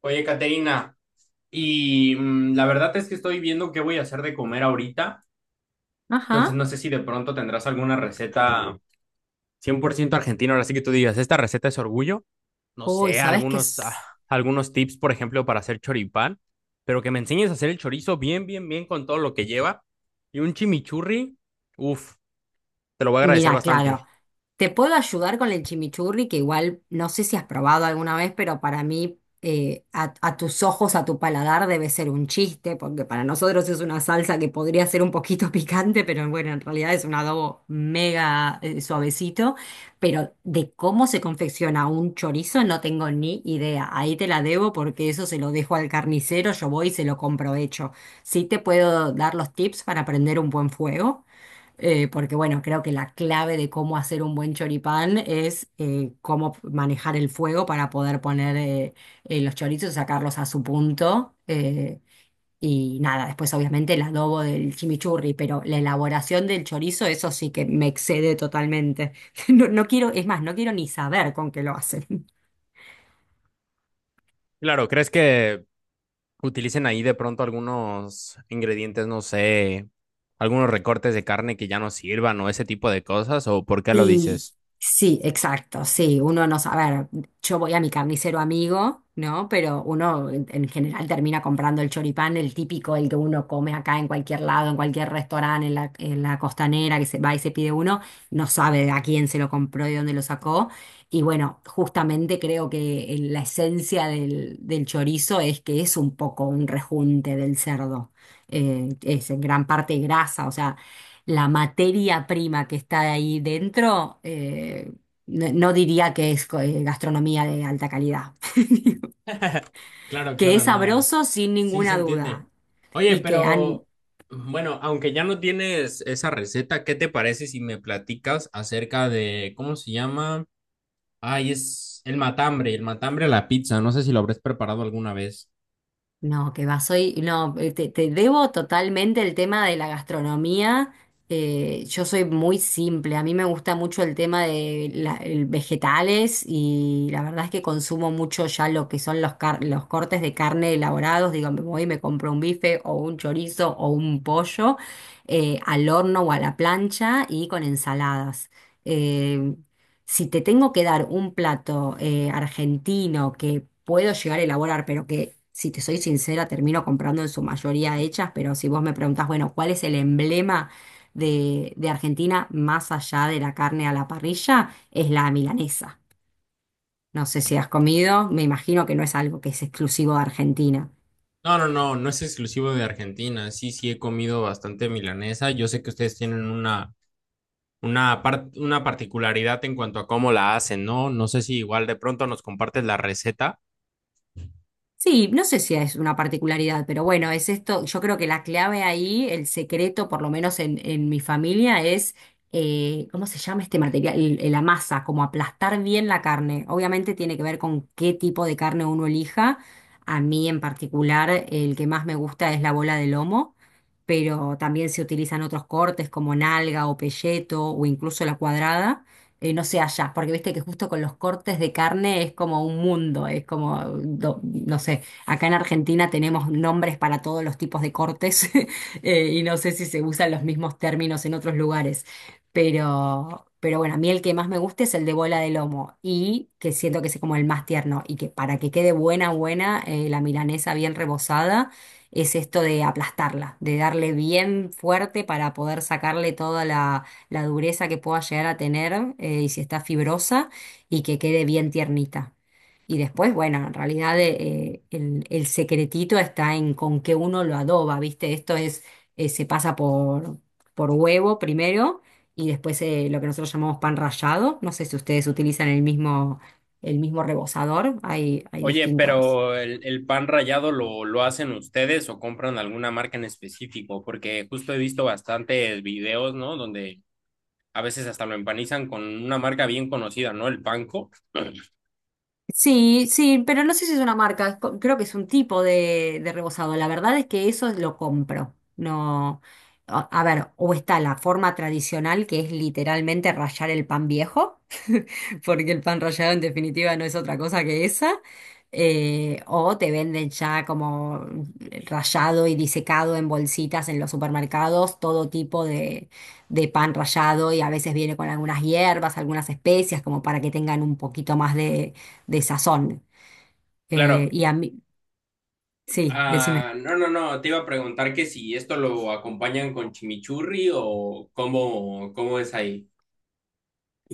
Oye, Caterina, y la verdad es que estoy viendo qué voy a hacer de comer ahorita, entonces Ajá. no sé si de pronto tendrás alguna receta 100% argentina, ahora sí que tú digas, esta receta es orgullo, no Uy, sé, ¿sabes qué? algunos, Es? algunos tips, por ejemplo, para hacer choripán, pero que me enseñes a hacer el chorizo bien, bien, bien con todo lo que lleva, y un chimichurri, uff, te lo voy a agradecer Mira, claro, bastante. te puedo ayudar con el chimichurri, que igual no sé si has probado alguna vez, pero para mí, a tus ojos, a tu paladar, debe ser un chiste, porque para nosotros es una salsa que podría ser un poquito picante, pero bueno, en realidad es un adobo mega, suavecito. Pero de cómo se confecciona un chorizo no tengo ni idea. Ahí te la debo porque eso se lo dejo al carnicero, yo voy y se lo compro hecho. Sí te puedo dar los tips para prender un buen fuego. Porque bueno, creo que la clave de cómo hacer un buen choripán es cómo manejar el fuego para poder poner los chorizos, sacarlos a su punto. Y nada, después obviamente el adobo del chimichurri, pero la elaboración del chorizo, eso sí que me excede totalmente. No, no quiero, es más, no quiero ni saber con qué lo hacen. Claro, ¿crees que utilicen ahí de pronto algunos ingredientes, no sé, algunos recortes de carne que ya no sirvan o ese tipo de cosas, o por qué lo Y dices? sí, exacto, sí, uno no sabe, a ver, yo voy a mi carnicero amigo, ¿no? Pero uno en general termina comprando el choripán, el típico, el que uno come acá en cualquier lado, en cualquier restaurante, en la costanera, que se va y se pide uno, no sabe a quién se lo compró y dónde lo sacó. Y bueno, justamente creo que la esencia del chorizo es que es un poco un rejunte del cerdo. Es en gran parte grasa, o sea la materia prima que está ahí dentro, no, no diría que es gastronomía de alta calidad. Claro, Que claro, es no. sabroso sin Sí se ninguna entiende. duda Oye, y que han pero bueno, aunque ya no tienes esa receta, ¿qué te parece si me platicas acerca de cómo se llama? Ay, es el matambre a la pizza. No sé si lo habrás preparado alguna vez. No, que va, soy, no, te debo totalmente el tema de la gastronomía. Yo soy muy simple, a mí me gusta mucho el tema de el vegetales y la verdad es que consumo mucho ya lo que son los cortes de carne elaborados. Digo, me voy y me compro un bife o un chorizo o un pollo al horno o a la plancha y con ensaladas. eh, si te tengo que dar un plato argentino que puedo llegar a elaborar, pero que, si te soy sincera, termino comprando en su mayoría hechas, pero si vos me preguntás, bueno, ¿cuál es el emblema de Argentina más allá de la carne a la parrilla? Es la milanesa. No sé si has comido, me imagino que no es algo que es exclusivo de Argentina. No, no, no, no es exclusivo de Argentina. Sí, sí he comido bastante milanesa. Yo sé que ustedes tienen una particularidad en cuanto a cómo la hacen, ¿no? No sé si igual de pronto nos compartes la receta. Sí, no sé si es una particularidad, pero bueno, es esto, yo creo que la clave ahí, el secreto, por lo menos en mi familia, es, ¿cómo se llama este material? La masa, como aplastar bien la carne. Obviamente tiene que ver con qué tipo de carne uno elija. A mí en particular, el que más me gusta es la bola de lomo, pero también se utilizan otros cortes como nalga o pelleto o incluso la cuadrada no sé allá, porque viste que justo con los cortes de carne es como un mundo, es como, no sé, acá en Argentina tenemos nombres para todos los tipos de cortes y no sé si se usan los mismos términos en otros lugares, pero bueno, a mí el que más me gusta es el de bola de lomo y que siento que es como el más tierno y que para que quede buena, buena, la milanesa bien rebozada. Es esto de aplastarla, de darle bien fuerte para poder sacarle toda la dureza que pueda llegar a tener y si está fibrosa y que quede bien tiernita. Y después, bueno, en realidad el secretito está en con qué uno lo adoba, ¿viste? Esto es, se pasa por huevo primero y después lo que nosotros llamamos pan rallado. No sé si ustedes utilizan el mismo rebozador, hay Oye, distintas. pero el pan rallado lo hacen ustedes o compran alguna marca en específico, porque justo he visto bastantes videos, ¿no? Donde a veces hasta lo empanizan con una marca bien conocida, ¿no? El panko. Sí, sí, pero no sé si es una marca, es creo que es un tipo de rebozado. La verdad es que eso lo compro. No, a ver, o está la forma tradicional que es literalmente rallar el pan viejo, porque el pan rallado en definitiva no es otra cosa que esa. O te venden ya como rallado y disecado en bolsitas en los supermercados, todo tipo de pan rallado y a veces viene con algunas hierbas, algunas especias, como para que tengan un poquito más de sazón. Claro. Y a mí, sí, decime. Ah, no, no, no, te iba a preguntar que si esto lo acompañan con chimichurri o cómo, cómo es ahí.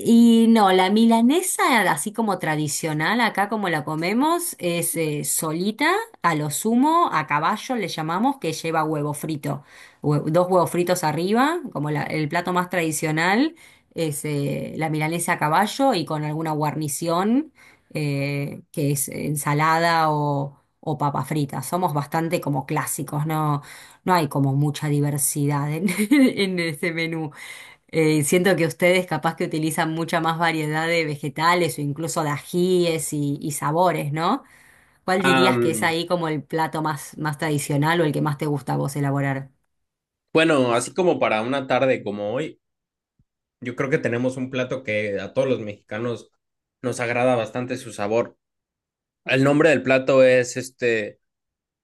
Y no, la milanesa, así como tradicional, acá como la comemos, es solita, a lo sumo, a caballo le llamamos, que lleva huevo frito, dos huevos fritos arriba, como el plato más tradicional, es la milanesa a caballo y con alguna guarnición, que es ensalada o papa frita. Somos bastante como clásicos, no, no hay como mucha diversidad en en ese menú. Siento que ustedes capaz que utilizan mucha más variedad de vegetales o incluso de ajíes y sabores, ¿no? ¿Cuál dirías que es Am, ahí como el plato más, tradicional o el que más te gusta a vos elaborar? bueno, así como para una tarde como hoy, yo creo que tenemos un plato que a todos los mexicanos nos agrada bastante su sabor. El nombre del plato es este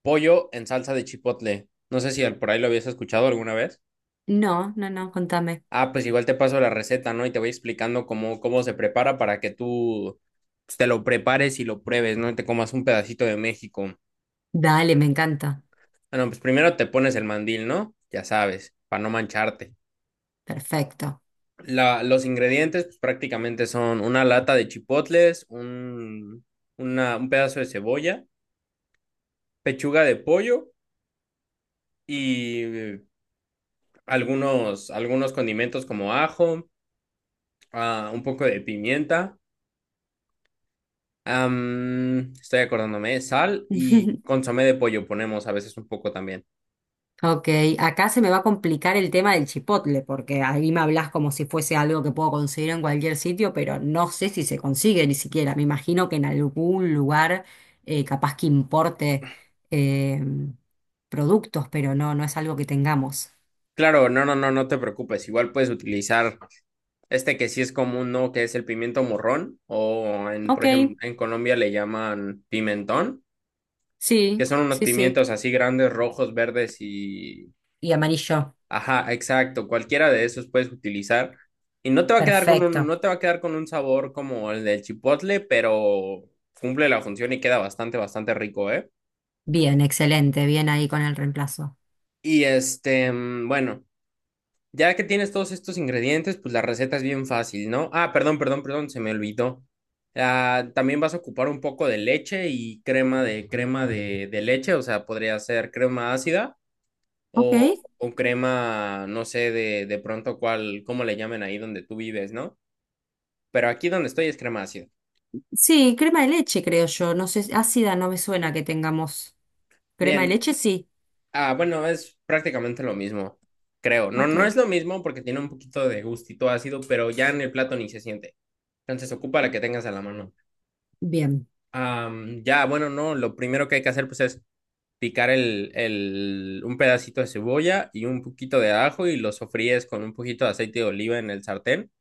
pollo en salsa de chipotle. No sé si al- por ahí lo habías escuchado alguna vez. No, no, no, contame. Ah, pues igual te paso la receta, ¿no? Y te voy explicando cómo, cómo se prepara para que tú pues, te lo prepares y lo pruebes, ¿no? Y te comas un pedacito de México. Dale, me encanta. Bueno, pues primero te pones el mandil, ¿no? Ya sabes, para no mancharte. Perfecto. La, los ingredientes pues, prácticamente son una lata de chipotles, un pedazo de cebolla, pechuga de pollo y algunos, algunos condimentos como ajo, ah, un poco de pimienta. Estoy acordándome, sal y consomé de pollo ponemos a veces un poco también. Ok, acá se me va a complicar el tema del chipotle, porque ahí me hablas como si fuese algo que puedo conseguir en cualquier sitio, pero no sé si se consigue ni siquiera. Me imagino que en algún lugar capaz que importe eh, productos, pero no, no es algo que tengamos. Claro, no, no, no, no te preocupes. Igual puedes utilizar este que sí es común, ¿no? Que es el pimiento morrón o en, por Ok, ejemplo, en Colombia le llaman pimentón, que sí, son unos sí, sí. pimientos así grandes, rojos, verdes y... Y amarillo, Ajá, exacto, cualquiera de esos puedes utilizar y no te va a quedar con un, perfecto. no te va a quedar con un sabor como el del chipotle, pero cumple la función y queda bastante, bastante rico, ¿eh? Bien, excelente, bien ahí con el reemplazo. Y este, bueno, ya que tienes todos estos ingredientes, pues la receta es bien fácil, ¿no? Ah, perdón, perdón, perdón, se me olvidó. Ah, también vas a ocupar un poco de leche y crema de leche, o sea, podría ser crema ácida. Ok, O crema, no sé de pronto cuál, cómo le llamen ahí donde tú vives, ¿no? Pero aquí donde estoy es crema ácida. sí, crema de leche creo yo, no sé, ácida no me suena que tengamos. Crema de Bien, leche sí. ah, bueno, es prácticamente lo mismo, creo. No, no es Ok. lo mismo porque tiene un poquito de gustito ácido, pero ya en el plato ni se siente. Entonces ocupa la que tengas a la mano. Bien, Ya, bueno, no, lo primero que hay que hacer pues es picar un pedacito de cebolla y un poquito de ajo y lo sofríes con un poquito de aceite de oliva en el sartén.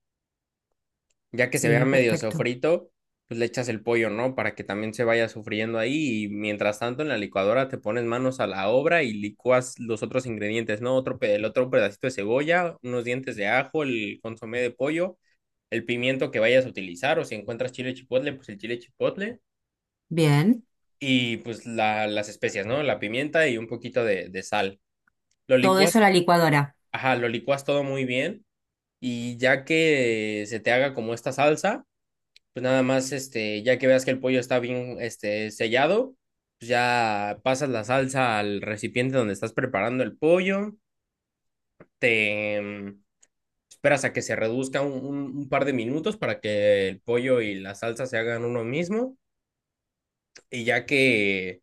Ya que se vea sí, medio perfecto. sofrito, pues le echas el pollo, ¿no? Para que también se vaya sufriendo ahí y mientras tanto en la licuadora te pones manos a la obra y licúas los otros ingredientes, ¿no? El otro pedacito de cebolla, unos dientes de ajo, el consomé de pollo, el pimiento que vayas a utilizar o si encuentras chile chipotle, pues el chile chipotle Bien, y pues la- las especias, ¿no? La pimienta y un poquito de sal. Lo todo eso a licuas, la licuadora. ajá, lo licuas todo muy bien y ya que se te haga como esta salsa pues nada más, este, ya que veas que el pollo está bien, este, sellado, pues ya pasas la salsa al recipiente donde estás preparando el pollo, te esperas a que se reduzca un par de minutos para que el pollo y la salsa se hagan uno mismo, y ya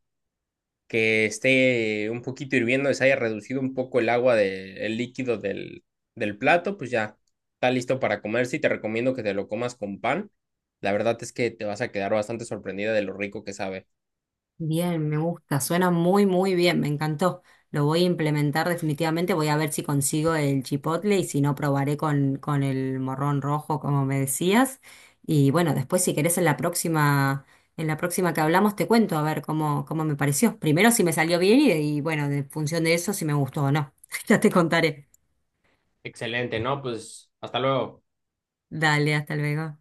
que esté un poquito hirviendo, se haya reducido un poco el agua de- el líquido del plato, pues ya está listo para comerse y te recomiendo que te lo comas con pan. La verdad es que te vas a quedar bastante sorprendida de lo rico que sabe. Bien, me gusta, suena muy, muy bien, me encantó. Lo voy a implementar definitivamente, voy a ver si consigo el chipotle y si no, probaré con el morrón rojo, como me decías. Y bueno, después si querés en la próxima, que hablamos te cuento a ver cómo me pareció. Primero si me salió bien y bueno, en función de eso si me gustó o no. Ya te contaré. Excelente, ¿no? Pues hasta luego. Dale, hasta luego.